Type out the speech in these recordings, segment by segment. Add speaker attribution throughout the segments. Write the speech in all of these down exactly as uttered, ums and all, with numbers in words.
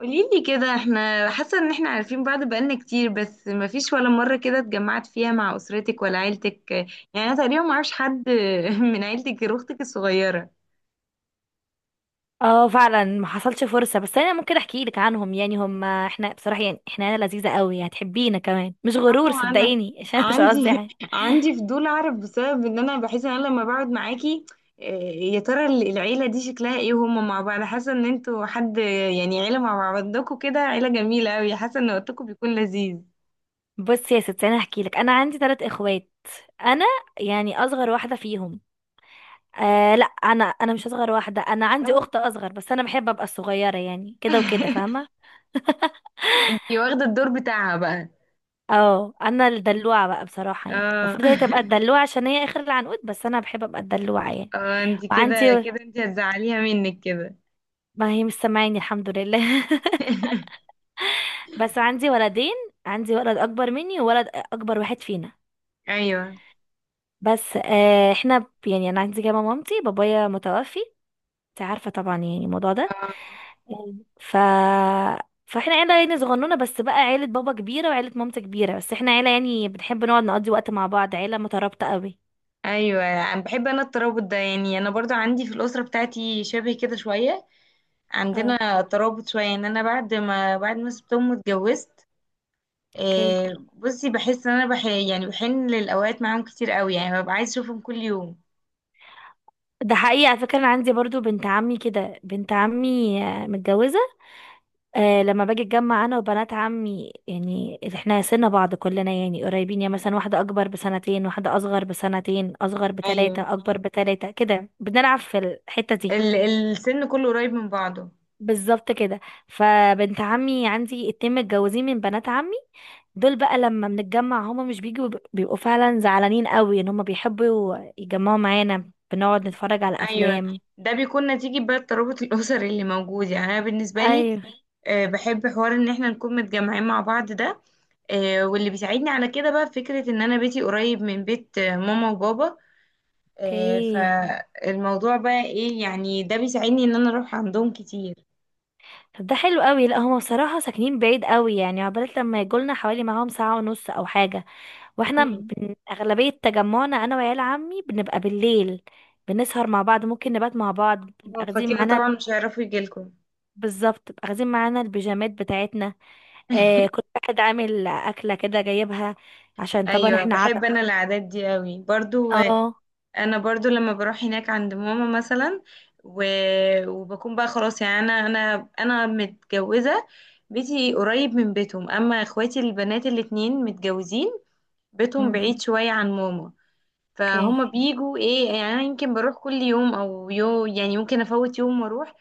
Speaker 1: قوليلي كده، احنا حاسة ان احنا عارفين بعض بقالنا كتير، بس مفيش ولا مرة كده اتجمعت فيها مع اسرتك ولا عيلتك. يعني انا تقريبا ما اعرفش حد من عيلتك غير اختك الصغيرة.
Speaker 2: اه، فعلا ما حصلش فرصة، بس انا ممكن احكي لك عنهم. يعني هم احنا بصراحة، يعني احنا عيلة لذيذة قوي، هتحبينا كمان، مش
Speaker 1: اما
Speaker 2: غرور
Speaker 1: انا
Speaker 2: صدقيني. عشان مش قصدي
Speaker 1: عندي
Speaker 2: حاجة.
Speaker 1: عندي فضول اعرف، بسبب ان انا بحس ان انا لما بقعد معاكي اه، يا ترى العيلة دي شكلها ايه؟ وهما مع بعض، حاسة ان انتوا حد يعني عيلة. مع بعضكوا كده عيلة جميلة اوي، حاسة ان وقتكم بيكون لذيذ.
Speaker 2: بصي يا ستي، انا هحكي لك. انا عندي ثلاث اخوات. انا يعني اصغر واحدة فيهم. آه لا انا انا مش اصغر واحدة، انا عندي
Speaker 1: اه.
Speaker 2: اخت اصغر، بس انا بحب ابقى الصغيرة يعني، كده وكده فاهمة.
Speaker 1: انتي واخدة الدور بتاعها بقى.
Speaker 2: اه، انا الدلوعة بقى بصراحة. يعني
Speaker 1: اه.
Speaker 2: المفروض هي تبقى الدلوعة عشان هي اخر العنقود، بس انا بحب ابقى الدلوعة يعني.
Speaker 1: اه انت
Speaker 2: وعندي،
Speaker 1: كده كده، انت هتزعليها منك كده.
Speaker 2: ما هي مش سامعاني الحمد لله. بس عندي ولدين، عندي ولد اكبر مني وولد اكبر واحد فينا.
Speaker 1: ايوه.
Speaker 2: بس آه احنا ب- يعني انا عندي كمان مامتي، بابايا متوفي، انت عارفه طبعا يعني الموضوع ده.
Speaker 1: اه.
Speaker 2: آه، ف فاحنا عيله يعني صغنونه، بس بقى عيله بابا كبيره وعيله مامتي كبيره، بس احنا عيله يعني بنحب نقعد نقضي وقت مع بعض، عيله مترابطه قوي.
Speaker 1: ايوه، انا بحب انا الترابط ده، يعني انا برضو عندي في الاسره بتاعتي شبه كده شويه.
Speaker 2: اه،
Speaker 1: عندنا ترابط شويه، ان انا بعد ما بعد ما سبتهم واتجوزت.
Speaker 2: اوكي.
Speaker 1: آه، بصي، بحس ان انا بح يعني بحن للاوقات معاهم كتير قوي، يعني ببقى عايز اشوفهم كل يوم.
Speaker 2: ده حقيقي على فكره، انا عندي برضو بنت عمي كده، بنت عمي آه، متجوزه. آه، لما باجي اتجمع انا وبنات عمي، يعني احنا سن بعض كلنا يعني قريبين، يعني مثلا واحده اكبر بسنتين، واحده اصغر بسنتين، اصغر
Speaker 1: ايوه،
Speaker 2: بتلاتة، اكبر بتلاتة، كده بنلعب في الحته دي.
Speaker 1: ال السن كله قريب من بعضه.
Speaker 2: بالظبط كده. فبنت عمي عندي اتنين متجوزين من بنات عمي، دول بقى لما بنتجمع هما مش بيجوا، بيبقوا بيبقوا فعلا زعلانين قوي، ان هما بيحبوا يجمعوا معانا. بنقعد نتفرج على
Speaker 1: ايوه،
Speaker 2: افلام.
Speaker 1: ده بيكون نتيجة بقى الترابط الاسري اللي موجود. يعني انا بالنسبه لي
Speaker 2: ايوه،
Speaker 1: آه، بحب حوار ان احنا نكون متجمعين مع بعض ده. آه، واللي بيساعدني على كده بقى فكرة ان انا بيتي قريب من بيت آه، ماما وبابا. آه،
Speaker 2: اوكي.
Speaker 1: فالموضوع بقى ايه؟ يعني ده بيساعدني ان انا اروح عندهم كتير.
Speaker 2: طب ده حلو قوي. لا هما بصراحة ساكنين بعيد قوي، يعني عقبال لما يجولنا حوالي معاهم ساعة ونص او حاجة. واحنا
Speaker 1: مم.
Speaker 2: بن... اغلبية تجمعنا انا وعيال عمي بنبقى بالليل، بنسهر مع بعض، ممكن نبات مع بعض. بنبقى
Speaker 1: هو
Speaker 2: اخدين
Speaker 1: فكده
Speaker 2: معانا،
Speaker 1: طبعا مش هيعرفوا يجيلكم.
Speaker 2: بالظبط بنبقى اخدين معانا البيجامات بتاعتنا. آه، كل واحد عامل اكلة كده جايبها، عشان طبعا
Speaker 1: ايوه،
Speaker 2: احنا عدد.
Speaker 1: بحب انا العادات دي قوي برضو. آه،
Speaker 2: اه،
Speaker 1: انا برضو لما بروح هناك عند ماما مثلا و... وبكون بقى خلاص، يعني انا انا انا متجوزة، بيتي قريب من بيتهم. اما اخواتي البنات الاتنين متجوزين، بيتهم
Speaker 2: أمم،
Speaker 1: بعيد شوية عن ماما.
Speaker 2: اوكي.
Speaker 1: فهم بيجوا ايه، يعني انا يمكن بروح كل يوم او يوم، يعني ممكن افوت يوم واروح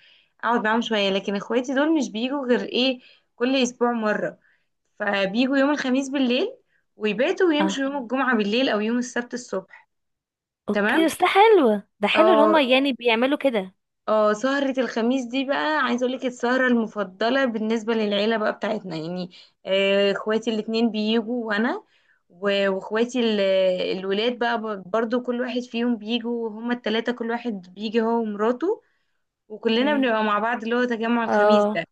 Speaker 1: اقعد معاهم شوية. لكن اخواتي دول مش بيجوا غير ايه، كل اسبوع مرة. فبيجوا يوم الخميس بالليل، ويباتوا، ويمشوا
Speaker 2: اه،
Speaker 1: يوم الجمعة بالليل او يوم السبت الصبح.
Speaker 2: اوكي،
Speaker 1: تمام.
Speaker 2: بس ده حلو، ده حلو ان هما
Speaker 1: اه.
Speaker 2: يعني بيعملوا كده.
Speaker 1: اه، سهرة الخميس دي بقى عايزة اقولك، السهرة المفضلة بالنسبة للعيلة بقى بتاعتنا. يعني آه، اخواتي الاتنين بيجوا، وانا و- واخواتي ال- الولاد بقى ب- برضو كل واحد فيهم بيجوا. هما التلاتة كل واحد بيجي هو ومراته، وكلنا
Speaker 2: اوكي.
Speaker 1: بنبقى مع بعض، اللي هو تجمع الخميس ده.
Speaker 2: اه،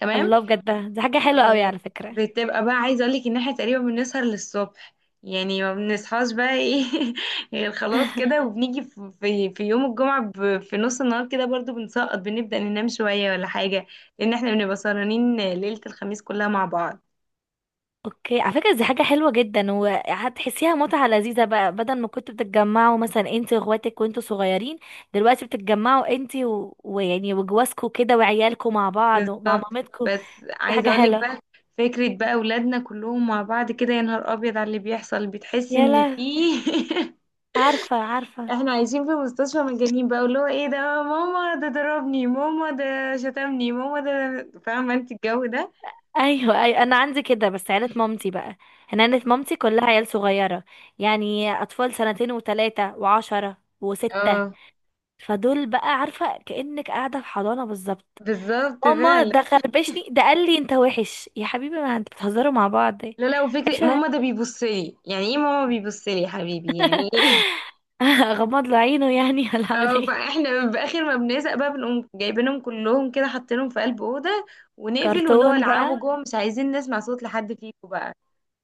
Speaker 1: تمام.
Speaker 2: الله بجد، ده دي حاجة حلوة قوي
Speaker 1: اه،
Speaker 2: على فكرة.
Speaker 1: بتبقى بقى عايزه اقول لك ان احنا تقريبا بنسهر للصبح. يعني ما بنصحاش بقى ايه غير خلاص كده، وبنيجي في في في يوم الجمعه ب- في نص النهار كده برضو بنسقط، بنبدا ننام شويه ولا حاجه. لان احنا بنبقى سهرانين ليله الخميس كلها مع بعض.
Speaker 2: اوكي، على فكره دي حاجه حلوه جدا، وهتحسيها متعه لذيذه بقى. بدل ما كنتوا بتتجمعوا مثلا انت واخواتك وانتوا صغيرين، دلوقتي بتتجمعوا انت و... ويعني وجوازكوا كده وعيالكوا مع بعض ومع
Speaker 1: بالظبط،
Speaker 2: مامتكوا.
Speaker 1: بس
Speaker 2: دي
Speaker 1: عايزه
Speaker 2: حاجه
Speaker 1: اقول لك
Speaker 2: حلوه.
Speaker 1: بقى، فكره بقى اولادنا كلهم مع بعض كده. يا نهار ابيض على اللي بيحصل، بتحس
Speaker 2: يا
Speaker 1: ان
Speaker 2: لا،
Speaker 1: في
Speaker 2: عارفه عارفه.
Speaker 1: احنا عايشين في مستشفى مجانين بقى، اللي هو ايه، ده ماما ده ضربني، ماما ده شتمني، ماما ده، فاهمه انت الجو ده.
Speaker 2: ايوه ايوه، انا عندي كده بس عيله مامتي بقى. انا عيله مامتي كلها عيال صغيره، يعني اطفال سنتين وثلاثه وعشرة وستة.
Speaker 1: اه
Speaker 2: فدول بقى عارفه كانك قاعده في حضانه بالظبط.
Speaker 1: بالظبط
Speaker 2: ماما
Speaker 1: فعلا.
Speaker 2: ده خربشني، ده قال لي انت وحش يا حبيبي، ما انت بتهزروا مع بعض.
Speaker 1: لا لا، وفكرة
Speaker 2: عيشة.
Speaker 1: ماما ده بيبص لي يعني ايه؟ ماما بيبص لي يا حبيبي يعني ايه؟
Speaker 2: غمض له عينه يعني ولا اعمل
Speaker 1: اه،
Speaker 2: ايه.
Speaker 1: فاحنا باخر ما بنزق بقى، بنقوم جايبينهم كلهم كده، حاطينهم في قلب اوضه ونقفل، واللي هو
Speaker 2: كرتون
Speaker 1: العبوا
Speaker 2: بقى.
Speaker 1: جوه، مش عايزين نسمع صوت لحد فيكم بقى.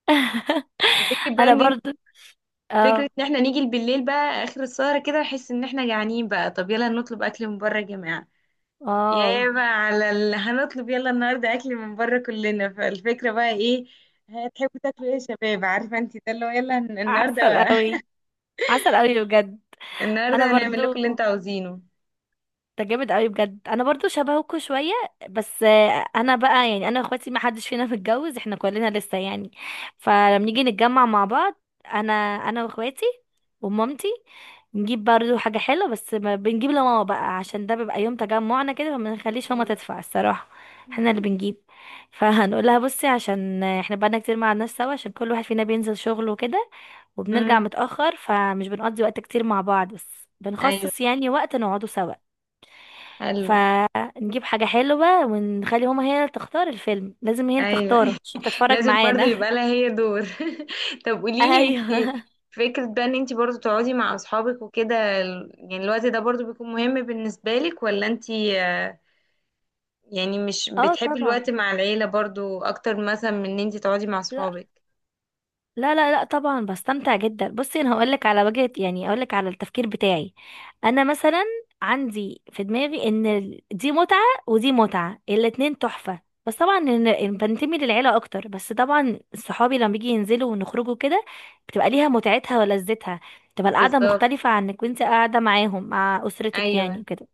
Speaker 1: فكرة بقى
Speaker 2: انا
Speaker 1: ان انت،
Speaker 2: برضو،
Speaker 1: فكرة
Speaker 2: اه
Speaker 1: ان احنا نيجي بالليل بقى اخر السهرة كده، نحس ان احنا جعانين بقى، طب يلا نطلب اكل من بره يا جماعة.
Speaker 2: اه.
Speaker 1: يابا على اللي هنطلب، يلا النهارده اكل من بره كلنا، فالفكره بقى ايه؟ هتحبوا تاكلوا ايه يا شباب؟ عارفه انت ده اللي هو يلا هن-
Speaker 2: عسل
Speaker 1: النهارده
Speaker 2: قوي، عسل قوي بجد. انا
Speaker 1: النهارده هنعمل
Speaker 2: برضو
Speaker 1: لكم اللي انتوا عاوزينه.
Speaker 2: ده جامد قوي بجد. انا برضو شبهكوا شويه، بس آه، انا بقى يعني انا واخواتي ما حدش فينا متجوز، احنا كلنا لسه يعني. فلما نيجي نتجمع مع بعض، انا، انا واخواتي، ومامتي، نجيب برضو حاجه حلوه، بس ما بنجيب لماما بقى عشان ده بيبقى يوم تجمعنا كده، فما نخليش ماما
Speaker 1: ايوه.
Speaker 2: تدفع الصراحه، احنا اللي بنجيب. فهنقول لها بصي، عشان احنا بقالنا كتير ما قعدناش سوا، عشان كل واحد فينا بينزل شغله وكده، وبنرجع
Speaker 1: امم.
Speaker 2: متاخر، فمش بنقضي وقت كتير مع بعض، بس
Speaker 1: ايوه.
Speaker 2: بنخصص يعني وقت نقعده سوا.
Speaker 1: حلو.
Speaker 2: فنجيب حاجة حلوة، ونخلي هما هي اللي تختار الفيلم، لازم هي اللي
Speaker 1: ايوه.
Speaker 2: تختاره عشان تتفرج
Speaker 1: لازم برضه
Speaker 2: معانا.
Speaker 1: يبقى لها هي دور. طب قولي لي انت،
Speaker 2: ايوه.
Speaker 1: فكره بقى ان انت برضه تقعدي مع اصحابك وكده ال- يعني الوقت ده برضه بيكون مهم بالنسبه لك، ولا انت يعني مش
Speaker 2: اه
Speaker 1: بتحبي
Speaker 2: طبعا،
Speaker 1: الوقت مع العيلة برضو اكتر، مثلا من ان انتي تقعدي مع
Speaker 2: لا،
Speaker 1: صحابك؟
Speaker 2: لا لا لا طبعا بستمتع جدا. بصي، انا هقولك على وجهة يعني هقولك على التفكير بتاعي. انا مثلا عندي في دماغي ان ال- دي متعة ودي متعة، الاتنين تحفة. بس طبعا إن إن بنتمي للعيلة اكتر، بس طبعا صحابي لما بيجي ينزلوا ونخرجوا كده، بتبقى ليها متعتها ولذتها. بتبقى القعدة
Speaker 1: بالظبط.
Speaker 2: مختلفة عنك وانت قاعدة معاهم مع اسرتك
Speaker 1: ايوه.
Speaker 2: يعني كده.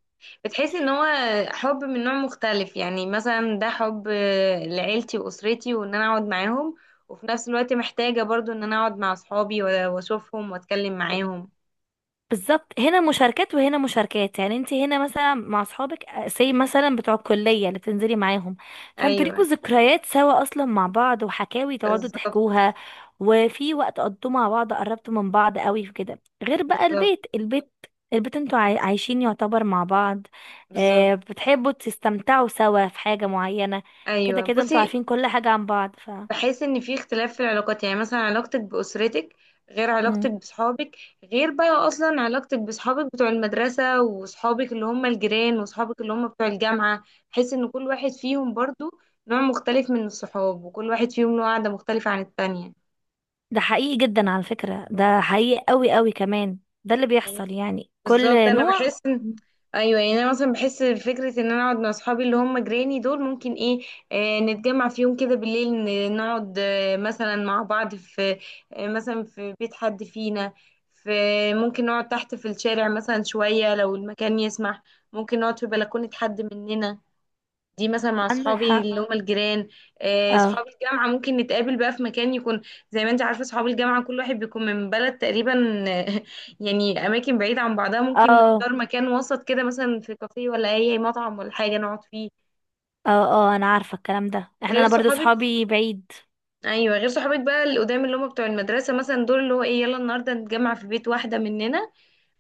Speaker 1: بتحسي ان هو حب من نوع مختلف، يعني مثلا ده حب آه، لعيلتي واسرتي وان انا اقعد معاهم، وفي نفس الوقت محتاجة برضو ان انا اقعد مع صحابي و- واشوفهم واتكلم معاهم.
Speaker 2: بالظبط، هنا مشاركات وهنا مشاركات. يعني انت هنا مثلا مع اصحابك، سي مثلا بتوع الكليه اللي بتنزلي معاهم، فانتوا ليكوا
Speaker 1: ايوه.
Speaker 2: ذكريات سوا اصلا مع بعض، وحكاوي تقعدوا
Speaker 1: بالظبط.
Speaker 2: تحكوها، وفي وقت قضيتوه مع بعض، قربتوا من بعض قوي في كده، غير بقى
Speaker 1: بالظبط.
Speaker 2: البيت، البيت البيت انتوا عاي- عايشين يعتبر مع بعض.
Speaker 1: بالظبط.
Speaker 2: اه، بتحبوا تستمتعوا سوا في حاجه معينه. كده
Speaker 1: ايوه،
Speaker 2: كده انتوا
Speaker 1: بصي،
Speaker 2: عارفين كل حاجه عن بعض ف...
Speaker 1: بحس ان في اختلاف في العلاقات، يعني مثلا علاقتك باسرتك غير علاقتك بصحابك، غير بقى اصلا علاقتك بصحابك بتوع المدرسة، وصحابك اللي هم الجيران، وصحابك اللي هم بتوع الجامعة. بحس ان كل واحد فيهم برضو نوع مختلف من الصحاب، وكل واحد فيهم له قعدة مختلفة عن التانية.
Speaker 2: ده حقيقي جدا على فكرة، ده حقيقي قوي قوي كمان، ده اللي بيحصل يعني،
Speaker 1: بالظبط،
Speaker 2: كل
Speaker 1: انا
Speaker 2: نوع.
Speaker 1: بحس ان ايوه، يعني انا مثلا بحس فكره ان انا اقعد مع اصحابي اللي هم جيراني دول، ممكن ايه آه نتجمع في يوم كده بالليل، ن- نقعد آه مثلا مع بعض في آه مثلا في بيت حد فينا، في، ممكن نقعد تحت في الشارع مثلا شويه لو المكان يسمح، ممكن نقعد في بلكونه حد مننا. دي مثلا مع
Speaker 2: عندك
Speaker 1: صحابي اللي
Speaker 2: حق،
Speaker 1: هم الجيران. آه،
Speaker 2: اه
Speaker 1: صحاب الجامعة ممكن نتقابل بقى في مكان يكون، زي ما انت عارفة صحاب الجامعة كل واحد بيكون من بلد تقريبا. آه، يعني أماكن بعيدة عن بعضها، ممكن
Speaker 2: اه
Speaker 1: نختار مكان وسط كده، مثلا في كافيه ولا أي مطعم ولا حاجة نقعد فيه.
Speaker 2: اه اه، انا عارفة الكلام ده. احنا
Speaker 1: غير
Speaker 2: انا برضو
Speaker 1: صحابك.
Speaker 2: صحابي بعيد.
Speaker 1: أيوة، غير صحابك بقى اللي قدام، اللي هم بتوع المدرسة مثلا، دول اللي هو إيه، يلا النهاردة نتجمع في بيت واحدة مننا،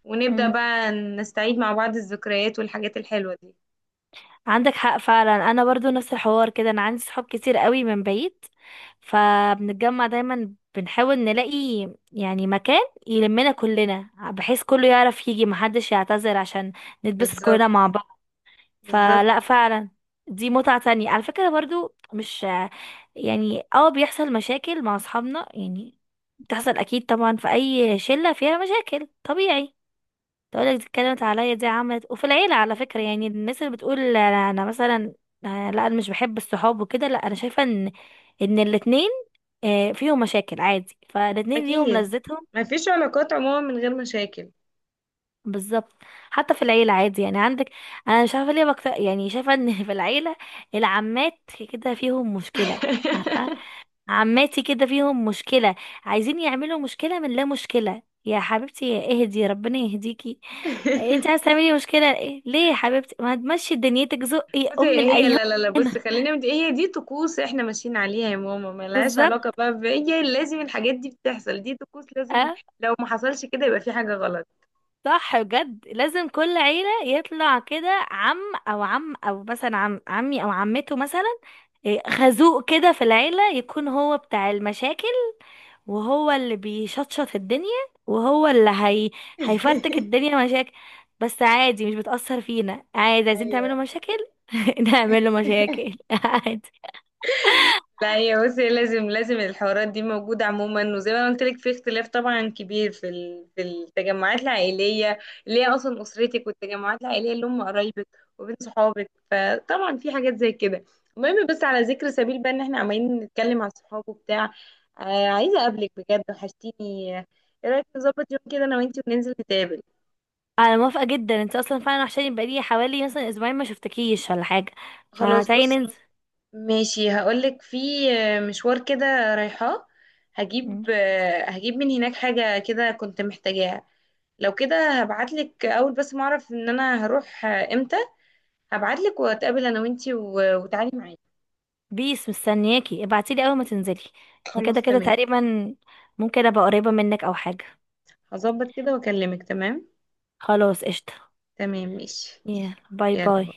Speaker 1: ونبدأ
Speaker 2: مم.
Speaker 1: بقى نستعيد مع بعض الذكريات والحاجات الحلوة دي.
Speaker 2: عندك حق فعلا، انا برضو نفس الحوار كده، انا عندي صحاب كتير قوي من بعيد، فبنتجمع دايما، بنحاول نلاقي يعني مكان يلمنا كلنا، بحيث كله يعرف يجي، محدش يعتذر، عشان نتبسط
Speaker 1: بالظبط.
Speaker 2: كلنا مع...
Speaker 1: بالظبط.
Speaker 2: فلا فعلا، دي متعة تانية على فكرة برضو، مش يعني، اه بيحصل مشاكل مع اصحابنا يعني، بتحصل اكيد طبعا، في اي شلة فيها مشاكل طبيعي، تقولك دي اتكلمت عليا، دي عملت. وفي العيلة على فكرة، يعني الناس اللي بتقول انا، أنا مثلا آه، لا انا مش بحب الصحاب وكده، لا انا شايفة ان ان الاتنين آه، فيهم مشاكل عادي، فالاتنين ليهم
Speaker 1: أكيد،
Speaker 2: لذتهم.
Speaker 1: مفيش علاقات عموما من غير مشاكل.
Speaker 2: بالظبط. حتى في العيلة عادي يعني، عندك، انا مش عارفة ليه بكتر، يعني شايفة ان في العيلة العمات كده فيهم مشكلة. عارفة، عماتي كده فيهم مشكلة، عايزين يعملوا مشكلة من لا مشكلة. يا حبيبتي اهدي، ربنا يهديكي، انت عايزة تعملي مشكلة ايه؟ ليه يا حبيبتي؟ ما تمشي دنيتك زقي
Speaker 1: بصي،
Speaker 2: ام
Speaker 1: هي
Speaker 2: الايام.
Speaker 1: لا لا لا، بص، خلينا مت... هي دي طقوس احنا ماشيين عليها يا ماما، ملهاش
Speaker 2: بالظبط،
Speaker 1: علاقة بقى ب- هي لازم الحاجات دي بتحصل، دي طقوس لازم.
Speaker 2: اه،
Speaker 1: لو ما حصلش كده يبقى في حاجة غلط.
Speaker 2: صح بجد، لازم كل عيلة يطلع كده عم، او عم، او مثلا عم عمي او عمته مثلا، إيه، خازوق كده في العيلة يكون هو بتاع المشاكل، وهو اللي بيشطشط الدنيا، وهو اللي هي... هيفرتك الدنيا مشاكل. بس عادي، مش بتأثر فينا، عادي عايزين
Speaker 1: ايوه،
Speaker 2: تعملوا مشاكل. نعمل له مشاكل. عادي.
Speaker 1: لا هي بصي لازم لازم الحوارات دي موجودة عموما، وزي ما أنا قلت لك، في اختلاف طبعا كبير في ال- في التجمعات العائلية اللي هي أصلا أسرتك، والتجمعات العائلية اللي هم قرايبك، وبين صحابك. فطبعا في حاجات زي كده. المهم، بس على ذكر سبيل بقى إن احنا عمالين نتكلم عن الصحاب وبتاع، آه عايزة أقابلك بجد، وحشتيني. إيه رأيك نظبط يوم كده أنا وأنتي وننزل نتقابل؟
Speaker 2: انا موافقة جدا، انت اصلا فعلا وحشاني، بقالي حوالي مثلا اسبوعين ما شفتكيش ولا حاجة،
Speaker 1: خلاص،
Speaker 2: فتعالي
Speaker 1: بص،
Speaker 2: ننزل.
Speaker 1: ماشي، هقولك في مشوار كده رايحاه،
Speaker 2: مم.
Speaker 1: هجيب، هجيب من هناك حاجة كده كنت محتاجاها، لو كده هبعتلك أول بس ما أعرف إن أنا هروح إمتى، هبعتلك وأتقابل أنا وإنتي و- وتعالي معايا.
Speaker 2: بيس مستنياكي، ابعتيلي اول ما تنزلي، يعني كده
Speaker 1: خلاص،
Speaker 2: كده
Speaker 1: تمام.
Speaker 2: تقريبا ممكن ابقى قريبة منك او حاجة.
Speaker 1: هظبط كده وأكلمك. تمام.
Speaker 2: خلاص قشطة،
Speaker 1: تمام، ماشي.
Speaker 2: يلا باي باي.
Speaker 1: يلا.